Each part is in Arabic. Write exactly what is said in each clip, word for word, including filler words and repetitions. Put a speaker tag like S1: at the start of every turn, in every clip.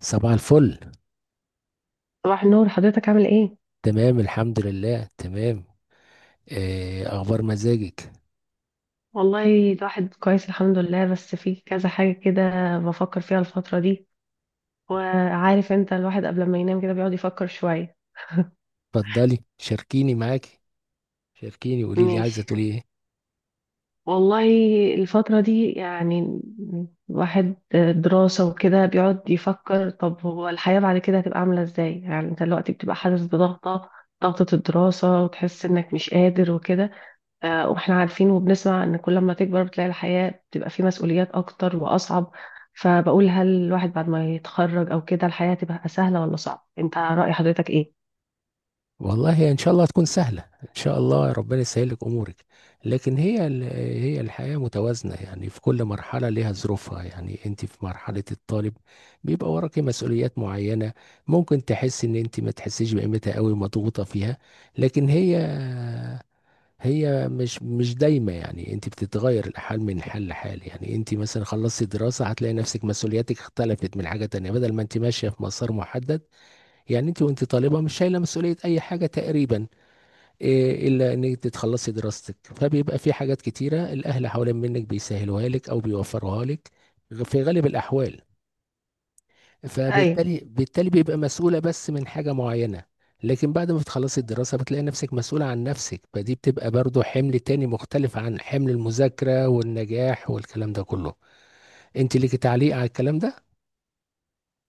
S1: صباح الفل.
S2: صباح النور. حضرتك عامل ايه؟
S1: تمام الحمد لله تمام. آه، اخبار مزاجك.
S2: والله الواحد كويس الحمد لله، بس في كذا حاجة كده بفكر فيها الفترة دي، وعارف انت الواحد قبل ما ينام كده بيقعد يفكر شوية.
S1: اتفضلي شاركيني معاكي، شاركيني قولي لي عايزه
S2: ماشي.
S1: تقولي ايه.
S2: والله الفترة دي يعني الواحد دراسة وكده بيقعد يفكر، طب هو الحياة بعد كده هتبقى عاملة ازاي؟ يعني انت دلوقتي بتبقى حاسس بضغطة، ضغطة الدراسة، وتحس انك مش قادر وكده. آه، واحنا عارفين وبنسمع ان كل ما تكبر بتلاقي الحياة بتبقى فيه مسؤوليات اكتر واصعب، فبقول هل الواحد بعد ما يتخرج او كده الحياة تبقى سهلة ولا صعبة؟ انت رأي حضرتك ايه؟
S1: والله ان شاء الله هتكون سهله، ان شاء الله ربنا يسهل لك امورك. لكن هي ال- هي الحياه متوازنه، يعني في كل مرحله ليها ظروفها. يعني انت في مرحله الطالب بيبقى وراكي مسؤوليات معينه، ممكن تحس ان انت ما تحسيش بقيمتها قوي، مضغوطه فيها. لكن هي هي مش مش دايمة، يعني انت بتتغير الحال من حال لحال. يعني انت مثلا خلصتي دراسة هتلاقي نفسك مسؤولياتك اختلفت من حاجة تانية، بدل ما انت ماشية في مسار محدد. يعني انت وانت طالبة مش شايلة مسؤولية اي حاجة تقريبا، إيه الا ان انت تخلصي دراستك، فبيبقى في حاجات كتيرة الاهل حوالين منك بيسهلوها لك او بيوفروها لك في غالب الاحوال.
S2: ايوه.
S1: فبالتالي بالتالي بيبقى مسؤولة بس من حاجة معينة. لكن بعد ما بتخلصي الدراسة بتلاقي نفسك مسؤولة عن نفسك، فدي بتبقى برضو حمل تاني مختلف عن حمل المذاكرة والنجاح والكلام ده كله. انت ليكي تعليق على الكلام ده؟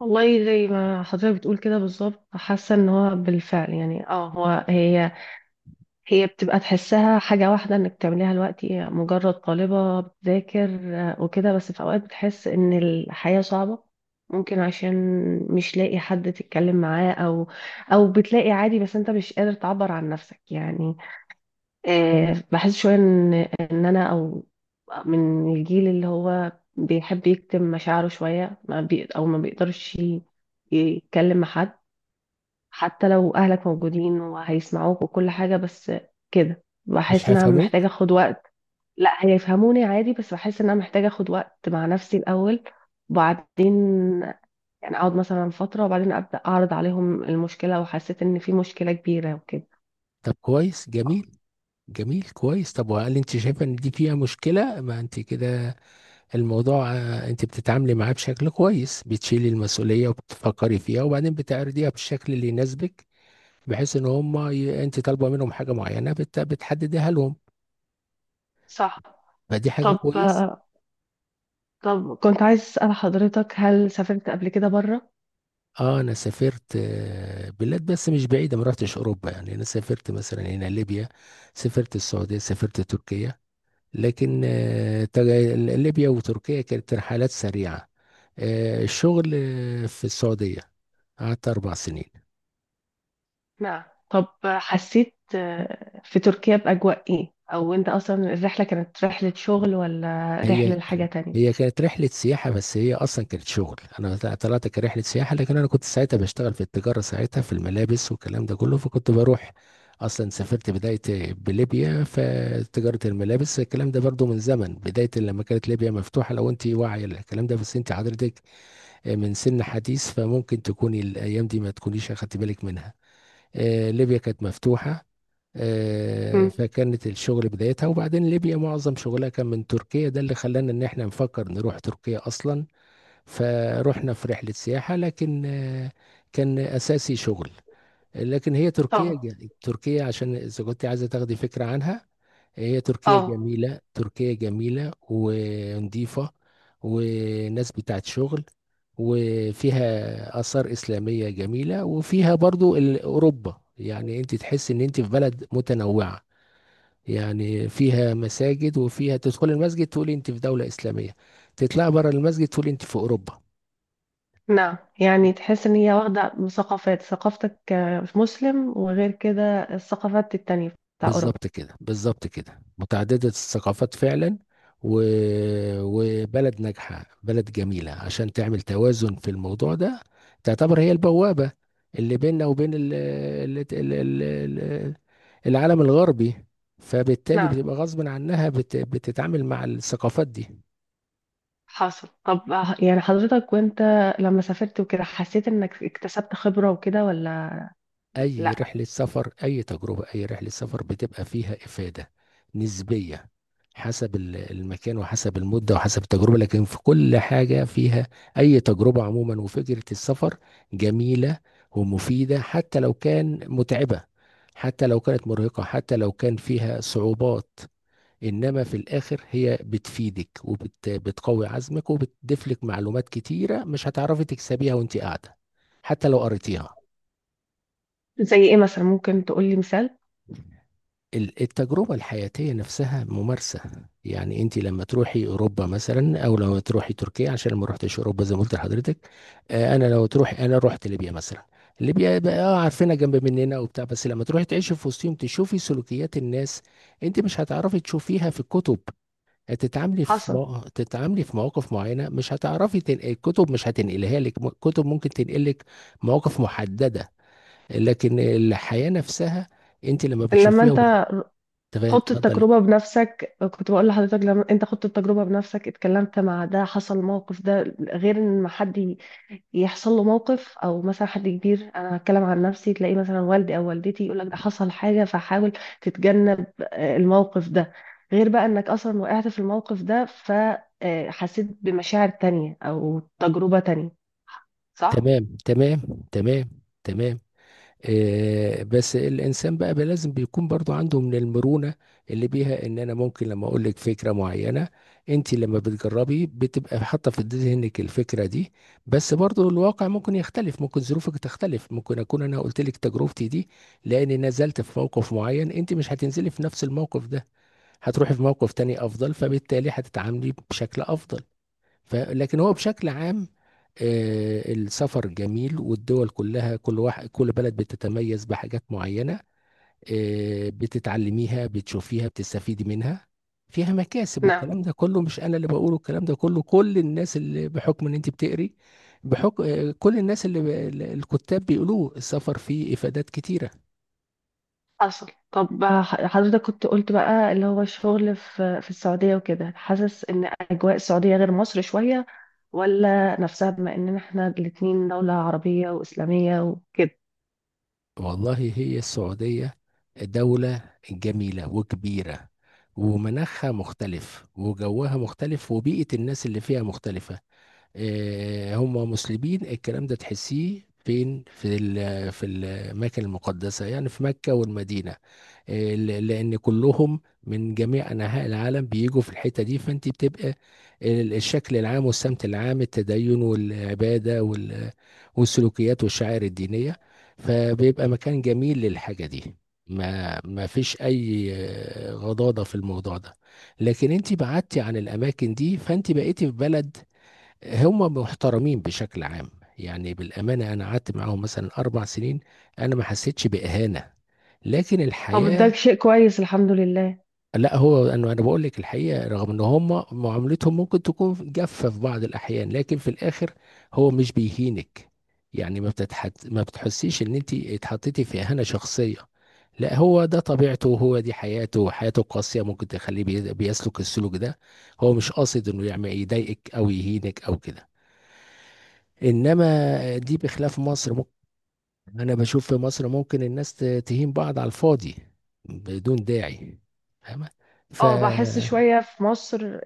S2: والله زي ما حضرتك بتقول كده بالظبط، حاسة ان هو بالفعل، يعني اه هو هي هي بتبقى تحسها حاجة واحدة انك تعمليها دلوقتي، مجرد طالبة بتذاكر. آه، وكده، بس في اوقات بتحس ان الحياة صعبة، ممكن عشان مش لاقي حد تتكلم معاه، او او بتلاقي عادي بس انت مش قادر تعبر عن نفسك يعني. آه، بحس شوية ان ان انا، او من الجيل اللي هو بيحب يكتم مشاعره شوية، ما بي او ما بيقدرش ي- يتكلم مع حد. حتى لو اهلك موجودين وهيسمعوك وكل حاجة، بس كده
S1: مش
S2: بحس ان انا محتاجة
S1: هيفهموك.
S2: اخد وقت. لا، هيفهموني عادي، بس بحس ان انا محتاجة اخد وقت مع نفسي الاول، وبعدين يعني اقعد مثلا فترة وبعدين ابدا اعرض عليهم المشكلة، وحسيت ان في مشكلة كبيرة وكده.
S1: طب كويس جميل، جميل كويس طب وهل انت شايفة ان دي فيها مشكلة؟ ما انت كده الموضوع، آه، انت بتتعاملي معاه بشكل كويس، بتشيلي المسؤولية وبتفكري فيها وبعدين بتعرضيها بالشكل اللي يناسبك، بحيث ان هم ي... انت طالبه منهم حاجه معينه، بت... بتحددها لهم.
S2: صح.
S1: فدي حاجه
S2: طب
S1: كويسه.
S2: طب كنت عايز اسال حضرتك، هل سافرت قبل كده بره؟
S1: اه انا سافرت، آه، بلاد بس مش بعيده، ما رحتش اوروبا. يعني انا سافرت مثلا هنا ليبيا، سافرت السعوديه، سافرت تركيا. لكن آه، تج- ليبيا وتركيا كانت رحلات سريعه. آه، الشغل آه، في السعوديه قعدت اربع سنين.
S2: نعم. طب حسيت آه، في تركيا باجواء ايه؟ او انت اصلا الرحلة كانت رحلة شغل ولا رحلة
S1: هي
S2: لحاجة تانية؟
S1: هي كانت رحلة سياحة، بس هي أصلا كانت شغل. أنا طلعت كرحلة سياحة، لكن أنا كنت ساعتها بشتغل في التجارة ساعتها، في الملابس والكلام ده كله، فكنت بروح. أصلا سافرت بداية بليبيا فتجارة الملابس، الكلام ده برضو من زمن بداية لما كانت ليبيا مفتوحة، لو أنت واعية للكلام ده، بس أنت حضرتك من سن حديث، فممكن تكوني الأيام دي ما تكونيش أخدت بالك منها. آه، ليبيا كانت مفتوحة، آه،
S2: مم.
S1: فكانت الشغل بدايتها. وبعدين ليبيا معظم شغلها كان من تركيا، ده اللي خلانا ان احنا نفكر نروح تركيا اصلا. فروحنا في رحلة سياحة، لكن آه، كان اساسي شغل. لكن هي تركيا
S2: اه.
S1: ج- تركيا عشان اذا كنت عايزة تاخدي فكرة عنها، هي تركيا
S2: اه.
S1: جميلة، تركيا جميلة ونظيفة وناس بتاعت شغل، وفيها آثار إسلامية جميلة، وفيها برضو ال- أوروبا. يعني أنت تحس إن أنت في بلد متنوعة، يعني فيها مساجد، وفيها تدخل المسجد تقول انت في دولة إسلامية، تطلع بره المسجد تقول انت في أوروبا.
S2: نعم، يعني تحس ان هي واخده ثقافات، ثقافتك كمسلم وغير كده الثقافات التانية بتاع اوروبا.
S1: بالظبط كده، بالظبط كده، متعددة الثقافات فعلا. و... وبلد ناجحة، بلد جميلة عشان تعمل توازن في الموضوع ده. تعتبر هي البوابة اللي بيننا وبين ال... ال... ال... ال... ال- العالم الغربي، فبالتالي
S2: نعم.
S1: بتبقى غصب عنها بت... بتتعامل مع الثقافات دي.
S2: حصل. طب ه- يعني حضرتك وانت لما سافرت وكده حسيت انك اكتسبت خبره وكده ولا؟
S1: اي
S2: لا.
S1: رحله سفر، اي تجربه، اي رحله سفر بتبقى فيها افاده نسبيه، حسب ال- المكان وحسب المده وحسب التجربه، لكن في كل حاجه فيها. اي تجربه عموما وفكره السفر جميله ومفيده، حتى لو كان متعبه، حتى لو كانت مرهقه، حتى لو كان فيها صعوبات. انما في الاخر هي بتفيدك وبتقوي عزمك وبتضيف لك معلومات كتيره مش هتعرفي تكسبيها وانت قاعده، حتى لو قريتيها.
S2: زي ايه مثلا؟ ممكن تقولي مثال.
S1: ال- التجربة الحياتية نفسها ممارسة. يعني انت لما تروحي اوروبا مثلا، او لما تروحي تركيا، عشان ما رحتش اوروبا زي ما قلت لحضرتك. آه، انا لو تروحي، انا رحت ليبيا مثلا، ليبيا بقى اه عارفينها جنب مننا وبتاع، بس لما تروحي تعيشي في وسطهم تشوفي سلوكيات الناس، انت مش هتعرفي تشوفيها في الكتب. هتتعاملي في
S2: حصل.
S1: مو... تتعاملي في مواقف معينة مش هتعرفي تن... الكتب مش هتنقلها لك، م- الكتب ممكن تنقلك مواقف محددة، لكن الحياة نفسها انت لما
S2: لما
S1: بتشوفيها.
S2: انت
S1: تمام
S2: خضت
S1: اتفضلي.
S2: التجربه بنفسك كنت بقول لحضرتك، لما انت خضت التجربه بنفسك اتكلمت مع ده، حصل موقف، ده غير ان ما حد يحصل له موقف، او مثلا حد كبير، انا هتكلم عن نفسي، تلاقي مثلا والدي او والدتي يقول لك ده حصل حاجه فحاول تتجنب آه، الموقف ده، غير بقى انك اصلا وقعت في الموقف ده فحسيت بمشاعر تانية او تجربه تانية، صح؟
S1: تمام تمام تمام تمام آه بس الانسان بقى بي- لازم بيكون برضو عنده من المرونه اللي بيها ان انا ممكن لما اقول لك فكره معينه، انت لما بتجربي بتبقى حاطه في ذهنك الفكره دي. بس برضو الواقع ممكن يختلف، ممكن ظروفك تختلف، ممكن اكون انا قلت لك تجربتي دي لاني نزلت في موقف معين، انت مش هتنزلي في نفس الموقف ده، هتروحي في موقف تاني افضل، فبالتالي هتتعاملي بشكل افضل. ف... لكن هو بشكل عام، آه، السفر جميل والدول كلها، كل واحد، كل بلد بتتميز بحاجات معينة، آه، بتتعلميها بتشوفيها بتستفيدي منها، فيها مكاسب.
S2: نعم.
S1: والكلام ده كله مش أنا اللي بقوله، الكلام ده كله كل الناس اللي بحكم إن أنت بتقري، بحكم آه، كل الناس اللي ب... الكتاب بيقولوه، السفر فيه إفادات كتيرة.
S2: حصل. طب ح- حضرتك كنت قلت بقى، اللي هو الشغل في في السعودية وكده، حاسس ان اجواء السعودية غير مصر شوية ولا نفسها، بما اننا احنا الاتنين دولة عربية واسلامية وكده؟
S1: والله هي السعودية دولة جميلة وكبيرة، ومناخها مختلف وجوها مختلف وبيئة الناس اللي فيها مختلفة. آه، هم مسلمين، الكلام ده تحسيه فين؟ في ال- في الاماكن المقدسه، يعني في مكه والمدينه، آه، ل- لان كلهم من جميع انحاء العالم بيجوا في الحته دي، فانت بتبقى ال- الشكل العام والسمت العام، التدين والعباده وال- والسلوكيات والشعائر الدينيه، فبيبقى مكان جميل للحاجه دي. ما ما فيش اي آه، غضاضه في الموضوع ده. لكن انت بعدتي عن الاماكن دي، فانت بقيتي في بلد هم محترمين بشكل عام. يعني بالأمانة أنا قعدت معاهم مثلا أربع سنين، أنا ما حسيتش بإهانة. لكن
S2: طب ده
S1: الحياة،
S2: شيء كويس الحمد لله.
S1: لا هو أنا أنا بقول لك الحقيقة، رغم إن هم معاملتهم ممكن تكون جافة في بعض الأحيان، لكن في الآخر هو مش بيهينك. يعني ما بتتحت... ما بتحسيش إن أنت اتحطيتي في إهانة شخصية. لا هو ده طبيعته، هو دي حياته، حياته قاسية ممكن تخليه بي- بيسلك السلوك ده، هو مش قاصد إنه يعمل يضايقك أو يهينك أو كده. انما دي بخلاف مصر، ممكن انا بشوف في مصر ممكن الناس ت- تهين بعض على الفاضي بدون داعي. فاهمة؟ ف
S2: اه، بحس شوية في مصر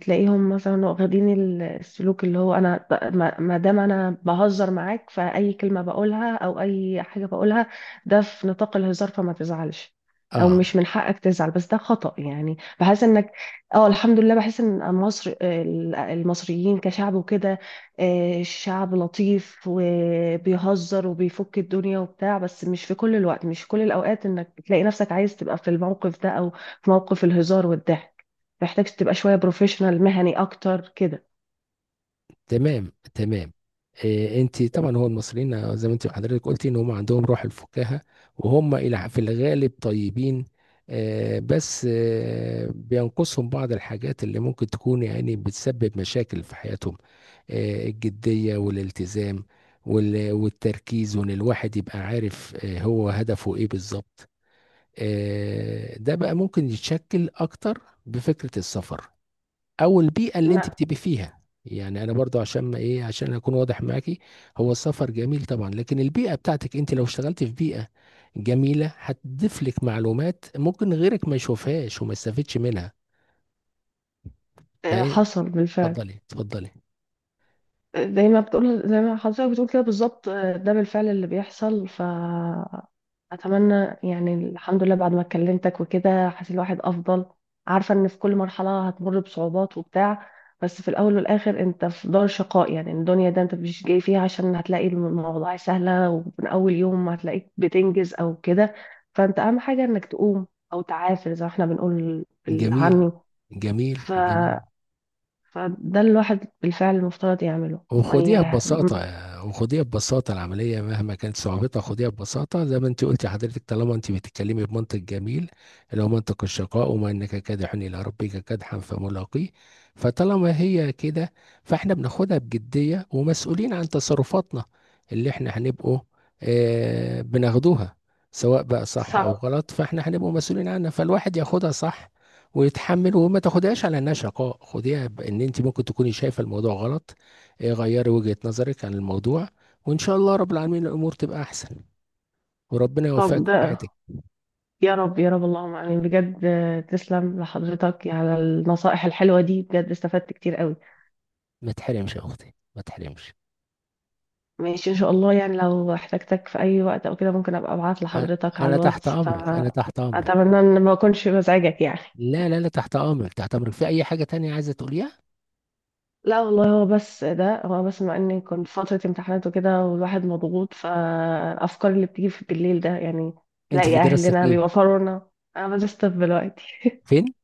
S2: تلاقيهم مثلا واخدين ال- السلوك اللي هو انا ب- ما ما دام انا بهزر معاك، فأي كلمة بقولها او اي حاجة بقولها ده في نطاق الهزار، فما تزعلش، او
S1: اه.
S2: مش من حقك تزعل، بس ده خطأ، يعني بحس انك. اه الحمد لله، بحس ان مصر، ال- المصريين كشعب وكده، آه، شعب لطيف وبيهزر وبيفك الدنيا وبتاع، بس مش في كل الوقت، مش في كل الاوقات انك تلاقي نفسك عايز تبقى في الموقف ده، او في موقف الهزار والضحك. محتاج تبقى شوية بروفيشنال، مهني أكتر كده.
S1: تمام تمام إيه انت طبعا، هو المصريين زي ما انت حضرتك قلتي ان هم عندهم روح الفكاهة، وهم الى في الغالب طيبين. آه بس آه بينقصهم بعض الحاجات اللي ممكن تكون يعني بتسبب مشاكل في حياتهم. آه، الجدية والالتزام وال- والتركيز، وان الواحد يبقى عارف آه، هو هدفه ايه بالظبط. آه، ده بقى ممكن يتشكل اكتر بفكرة السفر او البيئة اللي انت
S2: لا.
S1: بتبقي فيها. يعني انا برضو عشان ما ايه، عشان اكون واضح معاكي، هو السفر جميل طبعا، لكن البيئة بتاعتك، انت لو اشتغلت في بيئة جميلة هتضيف لك معلومات ممكن غيرك ما يشوفهاش وما يستفيدش منها.
S2: آه،
S1: فايه،
S2: حصل بالفعل.
S1: اتفضلي اتفضلي.
S2: آه، زي ما بتقول زي ما حضرتك بتقول كده بالظبط، آه، ده بالفعل اللي بيحصل. ف اتمنى يعني، الحمد لله، بعد ما كلمتك وكده حاسس الواحد افضل، عارفه ان في كل مرحله هتمر بصعوبات وبتاع، بس في الاول والاخر انت في دار شقاء يعني، الدنيا ده انت مش جاي فيها عشان هتلاقي المواضيع سهله ومن اول يوم هتلاقيك بتنجز او كده، فانت اهم حاجه انك تقوم او تعافر زي ما احنا بنقول
S1: جميل،
S2: بالعامي.
S1: جميل
S2: ف
S1: جميل
S2: فده الواحد بالفعل المفترض يعمله ما
S1: وخديها
S2: ي...
S1: ببساطة، وخديها ببساطة، العملية مهما كانت صعوبتها خديها ببساطة، زي ما انت قلتي حضرتك، طالما انت بتتكلمي بمنطق جميل، اللي هو منطق الشقاء، وما انك كادح الى ربك كدحا فملاقيه. فطالما هي كده، فاحنا بناخدها بجدية ومسؤولين عن تصرفاتنا، اللي احنا هنبقوا اه بناخدوها سواء بقى صح او
S2: صح.
S1: غلط، فاحنا هنبقوا مسؤولين عنها، فالواحد ياخدها صح ويتحمل، وما تاخدهاش على انها شقاء. خديها بان انت ممكن تكوني شايفه الموضوع غلط، ايه، غيري وجهة نظرك عن الموضوع، وان شاء الله رب العالمين الامور تبقى احسن، وربنا يوفقك
S2: طب
S1: في
S2: ده
S1: حياتك.
S2: يا رب يا رب، اللهم امين، بجد آه، تسلم لحضرتك على النصائح الحلوه دي، بجد استفدت كتير قوي.
S1: ما تحرمش يا اختي، ما تحرمش.
S2: ماشي ان شاء الله، يعني لو احتجتك في اي وقت او كده ممكن ابقى ابعت
S1: أ-
S2: لحضرتك على
S1: انا تحت
S2: الواتس،
S1: امرك، انا تحت امرك.
S2: فاتمنى ان ما اكونش بزعجك يعني.
S1: لا لا، لا تحت امرك تحت امرك، في اي حاجة تانية عايزة تقوليها؟
S2: لا والله، هو بس ده هو بس مع اني كنت في فتره امتحانات وكده والواحد مضغوط، فالافكار اللي بتيجي في بالليل ده يعني
S1: انت
S2: تلاقي
S1: في دراستك
S2: اهلنا
S1: ايه؟
S2: بيوفروا لنا. انا بدرس طب دلوقتي.
S1: فين؟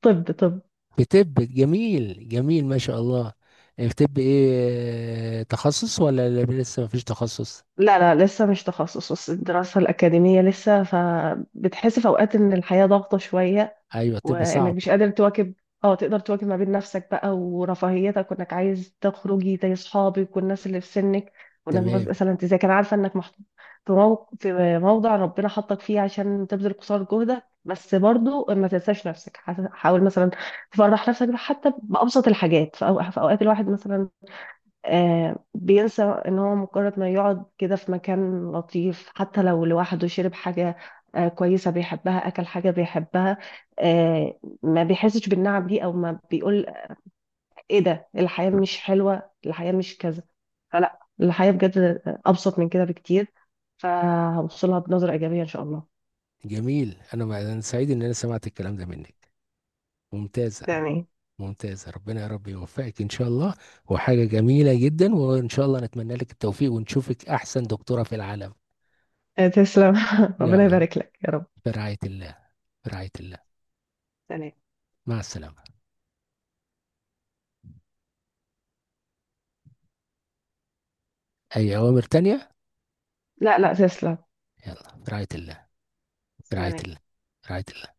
S2: طب طب
S1: في طب، جميل جميل، ما شاء الله. في طب ايه تخصص، ولا لسه ما فيش تخصص؟
S2: لا لا، لسه مش تخصص، بس الدراسة الأكاديمية لسه، فبتحس في أوقات إن الحياة ضاغطة شوية،
S1: ايوه طب
S2: وإنك
S1: صعب.
S2: مش قادر تواكب، اه تقدر تواكب ما بين نفسك بقى ورفاهيتك، وإنك عايز تخرجي زي أصحابك والناس اللي في سنك، وإنك بس-
S1: تمام.
S2: مثلا أنت زي كان عارفة إنك محطوط في موق- في موضع ربنا حطك فيه عشان تبذل قصارى جهدك، بس برضو ما تنساش نفسك. حاول مثلا تفرح نفسك حتى بأبسط الحاجات، في أو- في أوقات الواحد مثلا آه، بينسى ان هو مجرد ما يقعد كده في مكان لطيف، حتى لو لوحده شرب حاجة آه، كويسة بيحبها، اكل حاجة بيحبها، آه، ما بيحسش بالنعم دي، او ما بيقول ايه ده، الحياة مش حلوة، الحياة مش كذا. فلا، الحياة بجد ابسط من كده بكتير، فهوصلها بنظرة ايجابية ان شاء الله.
S1: جميل، انا أنا سعيد ان انا سمعت الكلام ده منك. ممتاز،
S2: تمام تمام.
S1: ممتاز. ربنا يا رب يوفقك ان شاء الله، وحاجة جميلة جدا، وان شاء الله نتمنى لك التوفيق ونشوفك احسن دكتورة في العالم.
S2: آه، تسلم ربنا
S1: يلا،
S2: يبارك لك يا رب.
S1: في رعاية الله، في رعاية الله.
S2: سلام.
S1: مع السلامة. اي اوامر تانية؟
S2: لا لا تسلم.
S1: يلا في رعاية الله، في رعاية
S2: سلام.
S1: الله، في رعاية الله.